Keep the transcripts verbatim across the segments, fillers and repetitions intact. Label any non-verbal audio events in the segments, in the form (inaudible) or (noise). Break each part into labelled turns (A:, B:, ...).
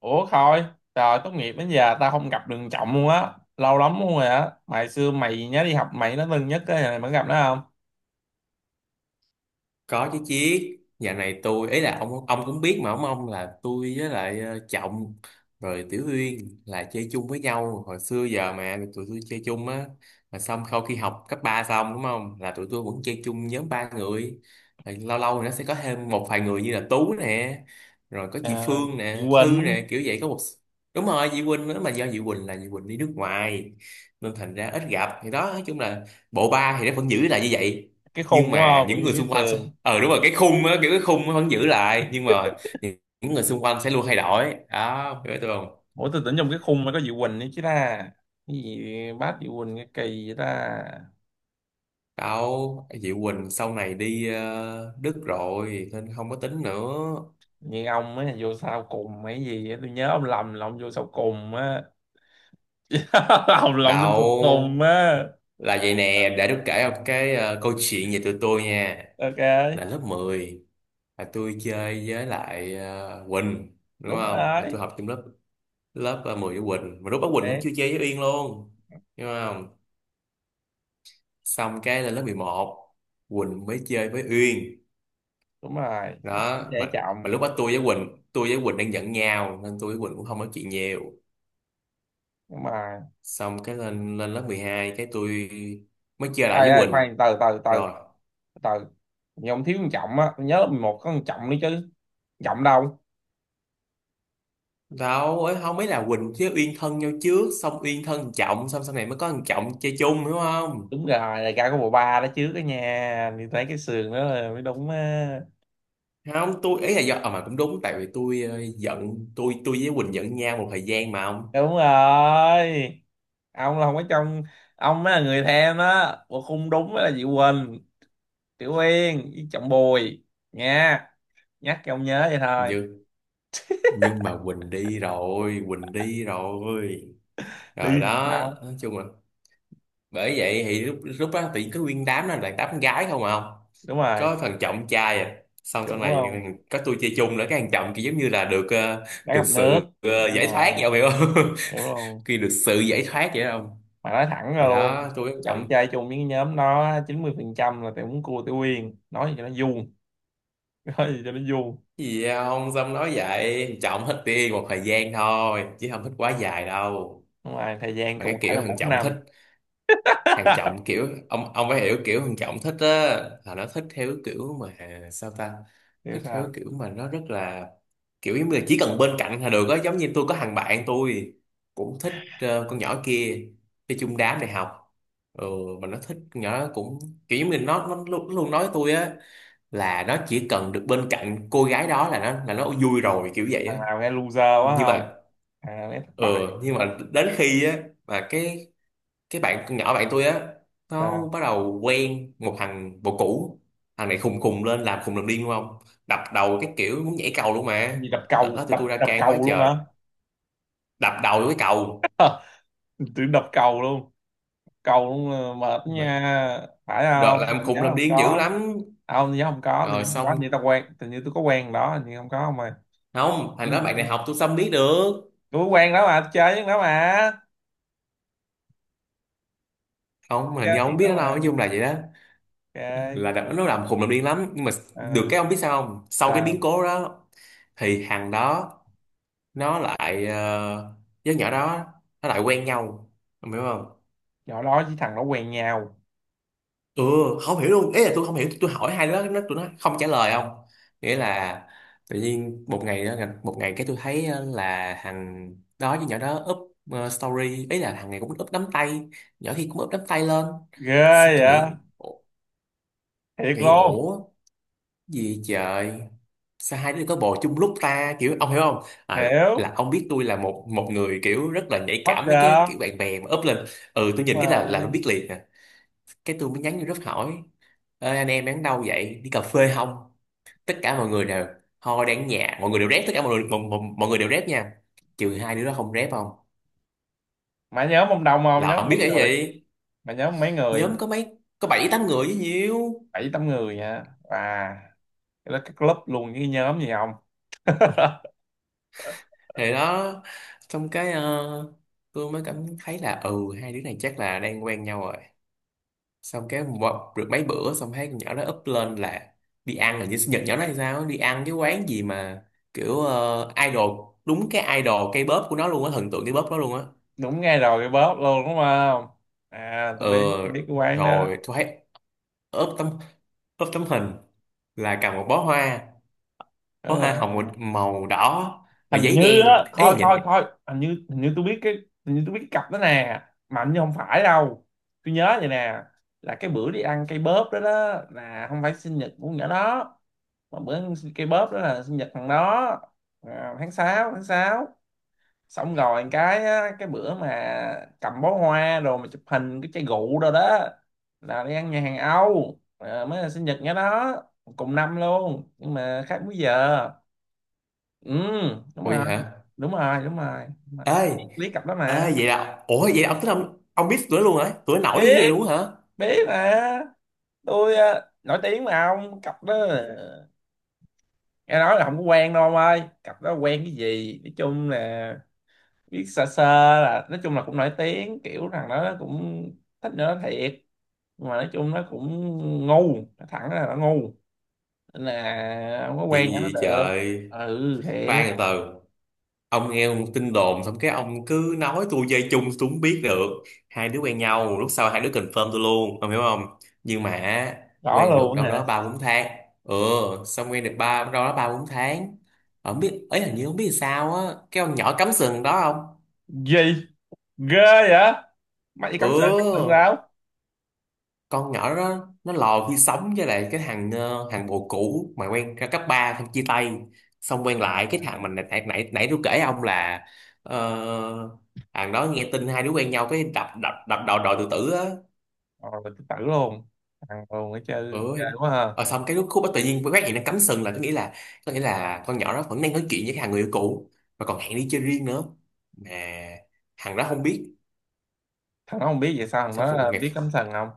A: Ủa Khôi, trời tốt nghiệp đến giờ tao không gặp Đường Trọng luôn á, lâu lắm luôn rồi á. Mày xưa mày nhớ đi học mày nó thân nhất cái này mày gặp nó không?
B: Có chứ chiết. Nhà này tôi ấy là ông ông cũng biết mà ông ông là tôi với lại ờ, Trọng rồi Tiểu Uyên là chơi chung với nhau hồi xưa giờ mà tụi tôi chơi chung á, mà xong sau khi học cấp ba xong đúng không là tụi tôi vẫn chơi chung nhóm ba người, rồi lâu lâu thì nó sẽ có thêm một vài người như là Tú nè, rồi có chị
A: À,
B: Phương
A: Diệu
B: nè Thư
A: Quỳnh,
B: nè kiểu vậy có một. Đúng rồi chị Quỳnh nữa, mà do chị Quỳnh là chị Quỳnh đi nước ngoài nên thành ra ít gặp, thì đó nói chung là bộ ba thì nó vẫn giữ lại như vậy,
A: cái khung
B: nhưng
A: đúng
B: mà
A: không? Vẫn
B: những
A: như
B: người
A: cái
B: xung quanh.
A: sườn.
B: Ờ đúng rồi cái khung á, kiểu cái khung nó vẫn giữ lại nhưng mà những những người xung quanh sẽ luôn thay đổi đó, hiểu tôi không.
A: Ủa tôi tưởng trong cái khung mới có Diệu Quỳnh nữa chứ ta. Cái gì bác Diệu Quỳnh cái kỳ vậy ta.
B: Đâu, Diệu Quỳnh sau này đi ờ, Đức rồi nên không có tính nữa.
A: Như ông ấy là vô sau cùng mấy gì á, tôi nhớ ông lầm là ông vô sau cùng á. (laughs) Ông lầm vô sau cùng
B: Đâu,
A: á.
B: là vậy nè, để tôi kể một cái ờ, câu chuyện về tụi tôi nha.
A: Ok,
B: Là lớp mười, là tôi chơi với lại ờ, Quỳnh đúng
A: đúng
B: không, là
A: rồi.
B: tôi học chung lớp lớp ờ, mười với Quỳnh, mà lúc đó Quỳnh cũng chưa
A: Đấy,
B: chơi với Uyên luôn đúng không. Xong cái là lớp mười một Quỳnh mới chơi với Uyên.
A: đúng rồi.
B: Đó
A: Dễ
B: mà
A: chậm.
B: mà lúc đó tôi với Quỳnh tôi với Quỳnh đang giận nhau nên tôi với Quỳnh cũng không nói chuyện nhiều.
A: Đúng rồi.
B: Xong cái lên lên lớp mười hai cái tôi mới chơi lại
A: ai
B: với
A: ai
B: Quỳnh
A: khoan từ từ từ
B: rồi.
A: từ nhưng ông thiếu con trọng á, tôi nhớ lớp mười một có con trọng nữa chứ. Trọng đâu?
B: Đâu ấy không biết là Quỳnh với Uyên thân nhau trước, xong Uyên thân thằng Trọng, xong sau này mới có thằng Trọng chơi chung hiểu không.
A: Đúng rồi, đại ca có bộ ba đó chứ cái nhà thì thấy cái sườn đó là mới đúng á.
B: Không tôi ý là do à, mà cũng đúng tại vì tôi ờ, giận tôi tôi với Quỳnh giận nhau một thời gian mà không.
A: Đúng rồi, ông là không có trong, ông mới là người thêm đó. Bộ khung đúng mới là chị Quỳnh, Tiểu Uyên với Trọng Bùi nha. Nhắc cho ông nhớ vậy thôi.
B: nhưng nhưng mà Quỳnh đi rồi, Quỳnh đi rồi, rồi
A: Đi thì
B: đó
A: sao?
B: nói chung là bởi vậy thì lúc lúc đó thì có nguyên đám đó là đám con gái không à không,
A: Đúng rồi,
B: có thằng trọng trai à. Xong
A: chuẩn
B: sau này ừ,
A: luôn.
B: có tôi chơi chung nữa, cái thằng trọng kia giống như là được ờ,
A: Đá
B: được
A: gặp nước.
B: sự ờ,
A: Đúng
B: giải thoát
A: rồi,
B: vậy ông hiểu không.
A: hiểu luôn.
B: (laughs) Khi được sự giải thoát vậy đó ông,
A: Mà nói thẳng ra
B: thì đó
A: luôn,
B: tôi với thằng
A: cộng
B: trọng.
A: chơi chung với cái nhóm nó chín mươi phần trăm là tụi muốn cua tụi Uyên, nói gì cho nó vuông. (laughs) Nói gì cho nó vuông.
B: "Cái gì vậy ông xong nói vậy, thằng trọng thích đi một thời gian thôi chứ không thích quá dài đâu.
A: Nhưng mà thời gian
B: Mà cái
A: cụ thể
B: kiểu
A: là
B: thằng
A: bốn
B: trọng thích,
A: năm
B: Hàng
A: (laughs)
B: Trọng kiểu ông ông phải hiểu, kiểu Hàng Trọng thích á, là nó thích theo kiểu mà sao ta,
A: Hiểu
B: thích theo
A: sao?
B: kiểu mà nó rất là kiểu giống như là chỉ cần bên cạnh là được á. Giống như tôi có thằng bạn tôi cũng thích ờ, con nhỏ kia chơi chung đám đại học, ừ, mà nó thích con nhỏ đó cũng kiểu giống như nó nó luôn, luôn nói với tôi á, là nó chỉ cần được bên cạnh cô gái đó là nó là nó vui rồi kiểu vậy á.
A: Thằng nào nghe loser quá
B: Nhưng
A: không,
B: mà,
A: thằng nào nghe thất
B: ừ,
A: bại
B: nhưng
A: không á?
B: mà đến khi á, mà cái cái bạn con nhỏ bạn tôi á nó
A: Sao?
B: bắt đầu quen một thằng bồ cũ, thằng này khùng khùng lên làm khùng làm điên đúng không, đập đầu cái kiểu muốn nhảy cầu luôn
A: Gì,
B: mà.
A: đập
B: Lần
A: cầu?
B: đó tụi
A: đập
B: tôi ra
A: đập
B: can quá
A: cầu luôn
B: trời,
A: hả?
B: đập đầu vô cái cầu,
A: (laughs) Tưởng đập cầu luôn. Cầu luôn là mệt nha, phải
B: đợt
A: không? Tôi
B: làm khùng
A: nhớ
B: làm
A: không
B: điên dữ
A: có.
B: lắm
A: À, không, tôi nhớ không có, tôi nhớ
B: rồi
A: không có. Như
B: xong.
A: tao quen tự nhiên tôi có quen đó, nhưng không có, không mà.
B: Không thằng
A: Cái
B: đó
A: gì
B: bạn
A: á?
B: đại học tôi xâm biết được,
A: Tôi có quen đó mà, tôi chơi với nó mà.
B: không hình như
A: Chơi chứ
B: ông biết
A: có
B: nó đâu
A: mà,
B: nói chung là vậy đó,
A: chơi.
B: là đợt đó nó làm khùng làm điên lắm nhưng mà được
A: Ờ,
B: cái ông biết sao không, sau cái biến
A: sao?
B: cố đó thì thằng đó nó lại ờ, với nhỏ đó nó lại quen nhau. Ông hiểu không.
A: Nhỏ đó với thằng nó quen nhau?
B: Ừ, không hiểu luôn ý là tôi không hiểu, tôi hỏi hai đứa nó tụi nó không trả lời không, nghĩa là tự nhiên một ngày đó, một ngày cái tôi thấy ờ, là thằng đó với nhỏ đó up ờ, story, ý là thằng này cũng up nắm tay, nhỏ kia cũng up nắm tay lên.
A: Ghê
B: Xong tôi nghĩ
A: vậy.
B: ủa-
A: Thiệt
B: nghĩ
A: luôn.
B: ủa- gì trời, sao hai đứa có bồ chung lúc ta kiểu ông hiểu không. À,
A: Hiểu.
B: là ông biết tôi là một một người kiểu rất là nhạy
A: Bất
B: cảm mấy cái
A: ngờ.
B: kiểu bạn bè mà up lên. Ừ tôi
A: Đúng
B: nhìn cái là là tôi
A: rồi.
B: biết liền. Cái tôi mới nhắn vô group hỏi, ê, anh em đang đâu vậy đi cà phê không, tất cả mọi người đều thôi đang ở nhà mọi người đều rep, tất cả mọi người mọi, mọi, mọi người đều rep nha, trừ hai đứa đó không rep không,
A: Mà nhớ mông đồng, không
B: là
A: nhớ
B: không biết
A: mấy
B: cái
A: người.
B: gì.
A: Mà nhớ mấy người.
B: Nhóm có mấy có bảy tám người với nhiêu.
A: Bảy tám người hả? Và cái đó cái club luôn với cái nhóm gì không?
B: Thì đó xong cái ờ, tôi mới cảm thấy là ừ hai đứa này chắc là đang quen nhau rồi. Xong cái một, được mấy bữa xong thấy con nhỏ đó up lên là đi ăn, là như sinh nhật nhỏ đó hay sao á, đi ăn cái quán gì mà kiểu ờ, idol, đúng cái idol cây bóp của nó luôn á, thần tượng cây bóp đó luôn á.
A: Đúng ngay rồi, cái bóp luôn đúng không. À
B: ờ
A: tôi biết, tôi biết cái quán đó.
B: Rồi tôi thấy up tấm up tấm hình là cầm một bó hoa, bó
A: Đúng
B: hoa
A: rồi.
B: hồng màu đỏ và
A: Hình
B: giấy
A: như,
B: đen,
A: á
B: ấy là
A: thôi thôi
B: nhìn.
A: thôi, hình như, hình như tôi biết cái, hình như tôi biết cái cặp đó nè. Mà hình như không phải đâu. Tôi nhớ vậy nè, là cái bữa đi ăn cây bóp đó đó, là không phải sinh nhật của nhỏ đó. Mà bữa ăn cây bóp đó là sinh nhật thằng đó, à, tháng sáu tháng sáu. Xong rồi cái á, cái bữa mà cầm bó hoa rồi mà chụp hình cái chai rượu rồi đó, là đi ăn nhà hàng Âu, à, mới là sinh nhật nhỏ đó. Cùng năm luôn nhưng mà khác múi giờ. Ừ, đúng rồi.
B: Ôi hả,
A: Đúng rồi đúng rồi đúng rồi.
B: ơi
A: Lý cặp đó
B: ơi
A: mà.
B: vậy là ủa vậy là ông tính ông ông biết tụi nó luôn hả, tụi nó nổi dữ vậy
A: biết
B: luôn hả.
A: biết mà, tôi ờ, nổi tiếng mà ông, cặp đó ờ, nghe nói là không có quen đâu ông ơi. Cặp đó quen cái gì, nói chung là biết sơ sơ. Là nói chung là cũng nổi tiếng, kiểu thằng đó nó cũng thích nữa thiệt. Nhưng mà nói chung nó cũng ngu, nó thẳng là nó ngu, nên là không có
B: vậy,
A: quen cho nó
B: vậy
A: được.
B: trời.
A: Ừ, thiệt.
B: Khoan từ từ, ông nghe một tin đồn xong cái ông cứ nói tôi dây chung, tôi không biết được. Hai đứa quen nhau lúc sau hai đứa confirm tôi luôn ông hiểu không. Nhưng mà
A: Rõ
B: quen được
A: luôn
B: đâu
A: hả?
B: đó ba bốn tháng, ừ, xong quen được ba đâu đó ba bốn tháng không biết ấy, hình như không biết sao á, cái ông nhỏ cắm sừng đó không.
A: Gì, ghê vậy. Mày đi cắm sừng, cắm sừng
B: Ừ. Con nhỏ đó nó lò khi sống với lại cái thằng ờ, thằng bồ cũ mà quen ra cấp ba xong chia tay, xong quen lại cái thằng
A: đâu?
B: mình nãy nãy nãy nãy tôi kể ông là ờ, thằng đó nghe tin hai đứa quen nhau cái đập đập đập đầu đòi tự tử á.
A: Rồi là tự tử luôn. Thằng luôn ấy chơi
B: Ừ.
A: ghê quá ha.
B: Ờ, xong cái lúc khúc đó tự nhiên phát hiện nó cắm sừng là có nghĩa là có nghĩa là con nhỏ đó vẫn đang nói chuyện với cái thằng người yêu cũ và còn hẹn đi chơi riêng nữa, mà thằng đó không biết.
A: Thằng nó không biết vậy sao, thằng
B: Xong
A: nó
B: một
A: ờ, biết
B: ngày
A: cắm sừng không?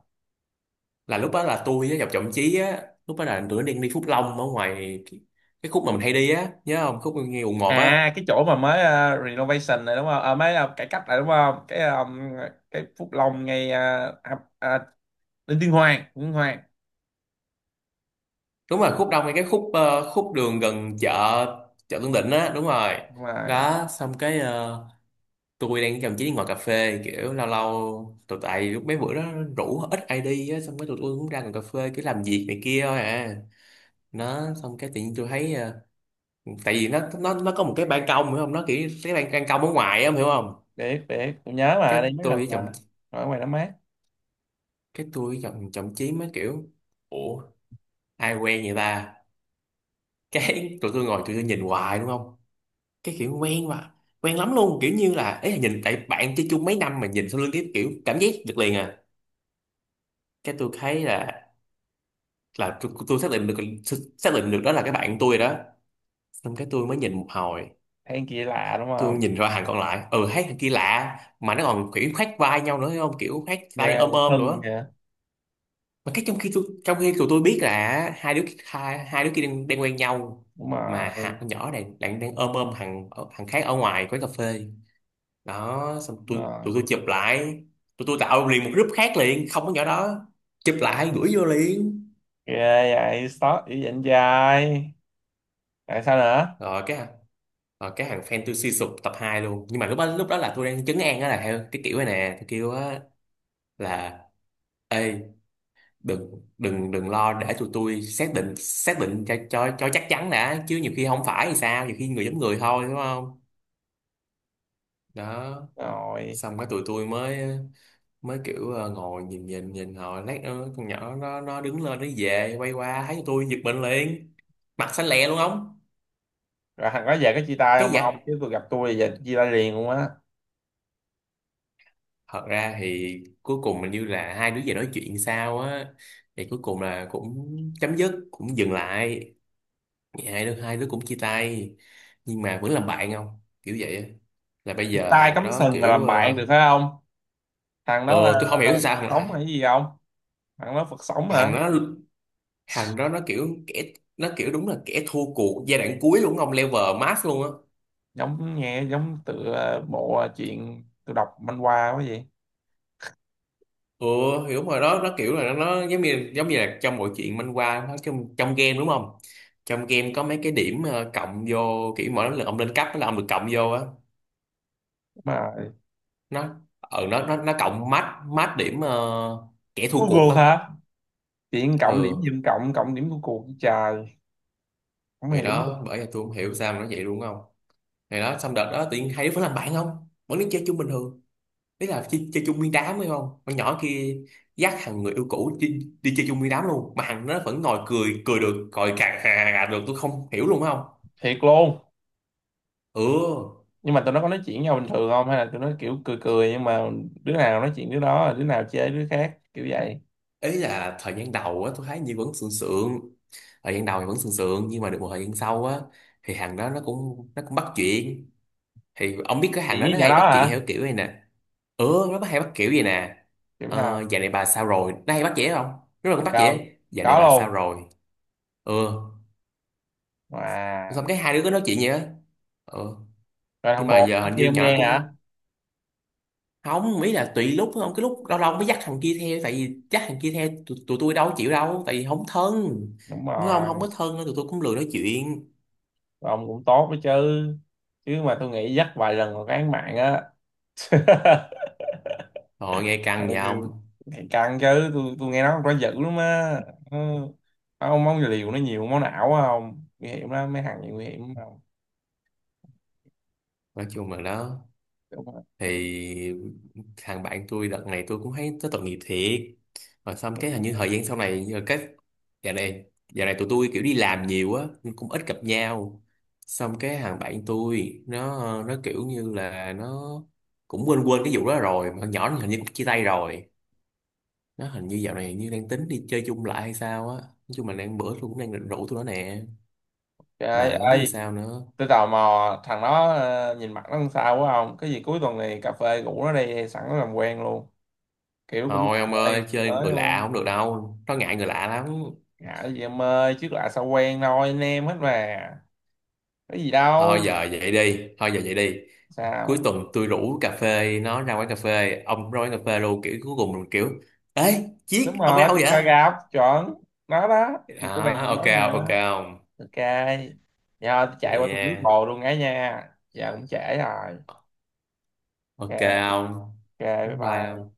B: là lúc đó là tôi với Ngọc Trọng Chí á, lúc đó là tụi nó đang đi Phúc Long ở ngoài cái, cái khúc mà mình hay đi á nhớ không, khúc ngay quận
A: À
B: một á,
A: cái chỗ mà mới ờ, renovation này đúng không, à, mới ờ, cải cách này đúng không, cái ờ, cái Phúc Long ngay ờ, à, à, Đinh Tiên Hoàng, Đinh Tiên Hoàng.
B: đúng rồi khúc đông ngay cái khúc ờ, khúc đường gần chợ chợ Tân Định á, đúng rồi.
A: Đúng rồi.
B: Đó xong cái ờ, tôi đang với Trọng Chí đi ngồi cà phê kiểu lâu lâu tụi tại lúc mấy bữa đó rủ ít ai đi á, xong cái tụi tôi cũng ra ngồi cà phê cứ làm việc này kia thôi à, nó xong cái tự nhiên tôi thấy ờ, tại vì nó nó nó có một cái ban công hiểu không, nó kiểu cái ban, ban công ở ngoài á em hiểu không.
A: Biết biết, tôi nhớ mà,
B: Cái
A: đi mấy
B: tôi
A: lần
B: với chồng,
A: mà. Ở ngoài nó mát.
B: cái tôi giọng trọng chí mới kiểu ủa ai quen vậy ta. (laughs) Cái tụi tôi ngồi tụi tôi nhìn hoài đúng không, cái kiểu quen mà, quen lắm luôn kiểu như là ấy là nhìn tại bạn chơi chung mấy năm mà nhìn sau lưng cái kiểu cảm giác được liền à. Cái tôi thấy là là tôi, tôi xác định được, xác định được đó là cái bạn tôi rồi đó. Xong cái tôi mới nhìn một hồi,
A: Than kia lạ đúng
B: tôi
A: không.
B: nhìn ra hàng còn lại ừ thấy thằng kia lạ mà nó còn kiểu khoác vai nhau nữa thấy không, kiểu khoác tay
A: Ghê.
B: ôm ôm
A: Thân
B: nữa,
A: kìa.
B: mà cái trong khi tôi trong khi tụi tôi biết là hai đứa hai, hai đứa kia đang, đang quen nhau,
A: Đúng
B: mà hạt
A: rồi.
B: con nhỏ này đang đang ôm ôm thằng thằng khác ở ngoài quán cà phê. Đó xong
A: Đúng
B: tôi
A: rồi.
B: tụi tôi chụp lại, tụi tôi tạo liền một group khác liền không có nhỏ đó, chụp lại gửi vô liền.
A: Ghê vậy, stop dữ vậy anh trai. Tại sao nữa?
B: Rồi cái rồi cái thằng fan tôi suy sụp tập hai luôn, nhưng mà lúc đó lúc đó là tôi đang trấn an đó, là theo cái kiểu này nè tôi kêu á là ê, đừng đừng đừng lo để tụi tôi xác định xác định cho cho cho chắc chắn đã chứ nhiều khi không phải thì sao, nhiều khi người giống người thôi đúng không. Đó
A: Rồi.
B: xong cái tụi tôi mới mới kiểu ờ, ngồi nhìn nhìn nhìn họ, lát nữa con nhỏ nó nó đứng Lên nó về, quay qua thấy tôi giật mình liền, mặt xanh lè luôn không?
A: Rồi thằng đó về có chia tay
B: Cái gì
A: không ông,
B: vậy?
A: chứ tôi gặp tôi giờ chia tay liền luôn á.
B: Thật ra thì cuối cùng mình như là hai đứa về nói chuyện sao á, thì cuối cùng là cũng chấm dứt, cũng dừng lại. Thì hai đứa hai đứa cũng chia tay nhưng mà vẫn làm bạn không, kiểu vậy á. Là bây
A: Chia
B: giờ
A: tay
B: hàng
A: cắm
B: đó
A: sừng mà
B: kiểu
A: làm bạn được
B: ờ
A: phải không? Thằng
B: ờ,
A: đó là
B: tôi không hiểu
A: Phật
B: sao
A: sống
B: là
A: hay gì không? Thằng đó Phật sống hả?
B: hàng đó, hàng đó nó kiểu kẻ, nó kiểu đúng là kẻ thua cuộc giai đoạn cuối luôn, ông level max luôn á.
A: Giống nghe giống tựa bộ chuyện tôi đọc manh qua quá vậy.
B: Ừ, hiểu mà đó, nó kiểu là nó, nó giống như giống như là trong mọi chuyện manh qua, nó trong trong game đúng không? Trong game có mấy cái điểm ờ, cộng vô, kiểu mỗi lần ông lên cấp là ông được cộng vô á.
A: Mà
B: Nó ờ nó nó nó cộng mát mát điểm ờ, kẻ thua
A: Cuối
B: cuộc
A: cuộc
B: á.
A: hả? Chuyện cộng điểm
B: Ừ.
A: giùm, cộng cộng điểm của cuộc trời. Không
B: Ngày
A: hiểu.
B: đó bởi vì tôi không hiểu sao mà nó vậy luôn không. Ngày đó xong đợt đó tự nhiên hai đứa vẫn làm bạn không, vẫn đi chơi chung bình thường. Đấy là chơi, chơi chung nguyên đám hay không. Con nhỏ kia dắt thằng người yêu cũ đi, đi chơi chung nguyên đám luôn. Mà thằng nó vẫn ngồi cười, cười được, cười cà cà cà được. Tôi không hiểu luôn không.
A: Thiệt luôn.
B: Ừ.
A: Nhưng mà tụi nó có nói chuyện với nhau bình thường không, hay là tụi nó kiểu cười cười nhưng mà đứa nào nói chuyện đứa đó, đứa nào chê đứa khác kiểu vậy.
B: Ý là thời gian đầu á tôi thấy như vẫn sượng sượng. Thời gian đầu thì vẫn sượng sượng, nhưng mà được một thời gian sau á thì thằng đó nó cũng nó cũng bắt chuyện. Thì ông biết cái thằng
A: Chuyện
B: đó
A: với
B: nó
A: nhỏ
B: hay bắt
A: đó
B: chuyện
A: hả?
B: theo kiểu này nè. Ừ, nó bắt, hay bắt kiểu gì nè?
A: Kiểu
B: Ờ,
A: sao?
B: dạo này bà sao rồi, nó hay bắt dễ không. Nó là cũng
A: Thiệt
B: bắt
A: không?
B: dễ, dạo này
A: Có
B: bà sao
A: luôn.
B: rồi. Ừ.
A: Wow.
B: Xong cái hai đứa cứ nói chuyện vậy á. Ừ,
A: Rồi
B: nhưng
A: thằng
B: mà
A: bồ
B: giờ hình
A: kia
B: như
A: ông
B: nhỏ nó
A: nghe hả?
B: cũng không, ý là tùy lúc không, cái lúc lâu lâu mới dắt thằng kia theo, tại vì dắt thằng kia theo tụi, tụi tôi đâu có chịu đâu, tại vì không thân
A: Đúng
B: mới không, không
A: rồi.
B: có thân nữa tụi tôi cũng lười nói chuyện.
A: Ông cũng tốt đó chứ. Chứ mà tôi nghĩ dắt vài lần còn án mạng á. (laughs)
B: Rồi nghe
A: Ừ,
B: căng vậy không.
A: thì căng chứ, tôi tôi nghe nói con quá dữ lắm á. Ừ. Ông món liều nó nhiều máu não á không? Nguy hiểm lắm, mấy thằng này nguy hiểm lắm, không?
B: Nói chung là đó,
A: Đúng rồi.
B: thì thằng bạn tôi đợt này tôi cũng thấy nó tội nghiệp thiệt. Rồi xong cái hình như thời gian sau này nhờ cái dạo này, dạo này tụi tôi kiểu đi làm nhiều á nên cũng ít gặp nhau. Xong cái thằng bạn tôi nó nó kiểu như là nó cũng quên, quên cái vụ đó rồi, mà con nhỏ nó hình như cũng chia tay rồi. Nó hình như dạo này như đang tính đi chơi chung lại hay sao á. Nói chung là đang bữa tôi cũng đang định rủ tụi nó nè,
A: Trời
B: mà không biết vì
A: ơi,
B: sao nữa.
A: tôi tò mò thằng đó ờ, nhìn mặt nó làm sao quá không? Cái gì cuối tuần này cà phê rủ nó đi sẵn nó làm quen luôn. Kiểu cũng
B: Thôi
A: cà
B: ông
A: phê
B: ơi, chơi
A: mới
B: người lạ
A: luôn.
B: không được đâu, nó ngại người lạ lắm.
A: Dạ gì em ơi, trước lạ sao quen thôi, anh em hết mà. Có gì
B: Thôi
A: đâu.
B: giờ vậy đi, thôi giờ vậy đi, cuối
A: Sao?
B: tuần tôi rủ cà phê, nó ra quán cà phê, ông ra quán cà phê luôn, kiểu cuối cùng mình kiểu: ê
A: Đúng
B: chiếc ông ở
A: rồi,
B: đâu
A: tình
B: vậy.
A: cờ gặp, chuẩn. Nó đó. Thì tôi
B: Đó,
A: bạn
B: ok
A: nói rồi
B: không, ok
A: đó.
B: không?
A: Ok. Nhờ tôi chạy
B: Vậy
A: qua tôi rước
B: nha,
A: bồ luôn ấy nha. Giờ cũng trễ rồi.
B: ok
A: Ok,
B: không?
A: ok, bye bye.
B: Bye.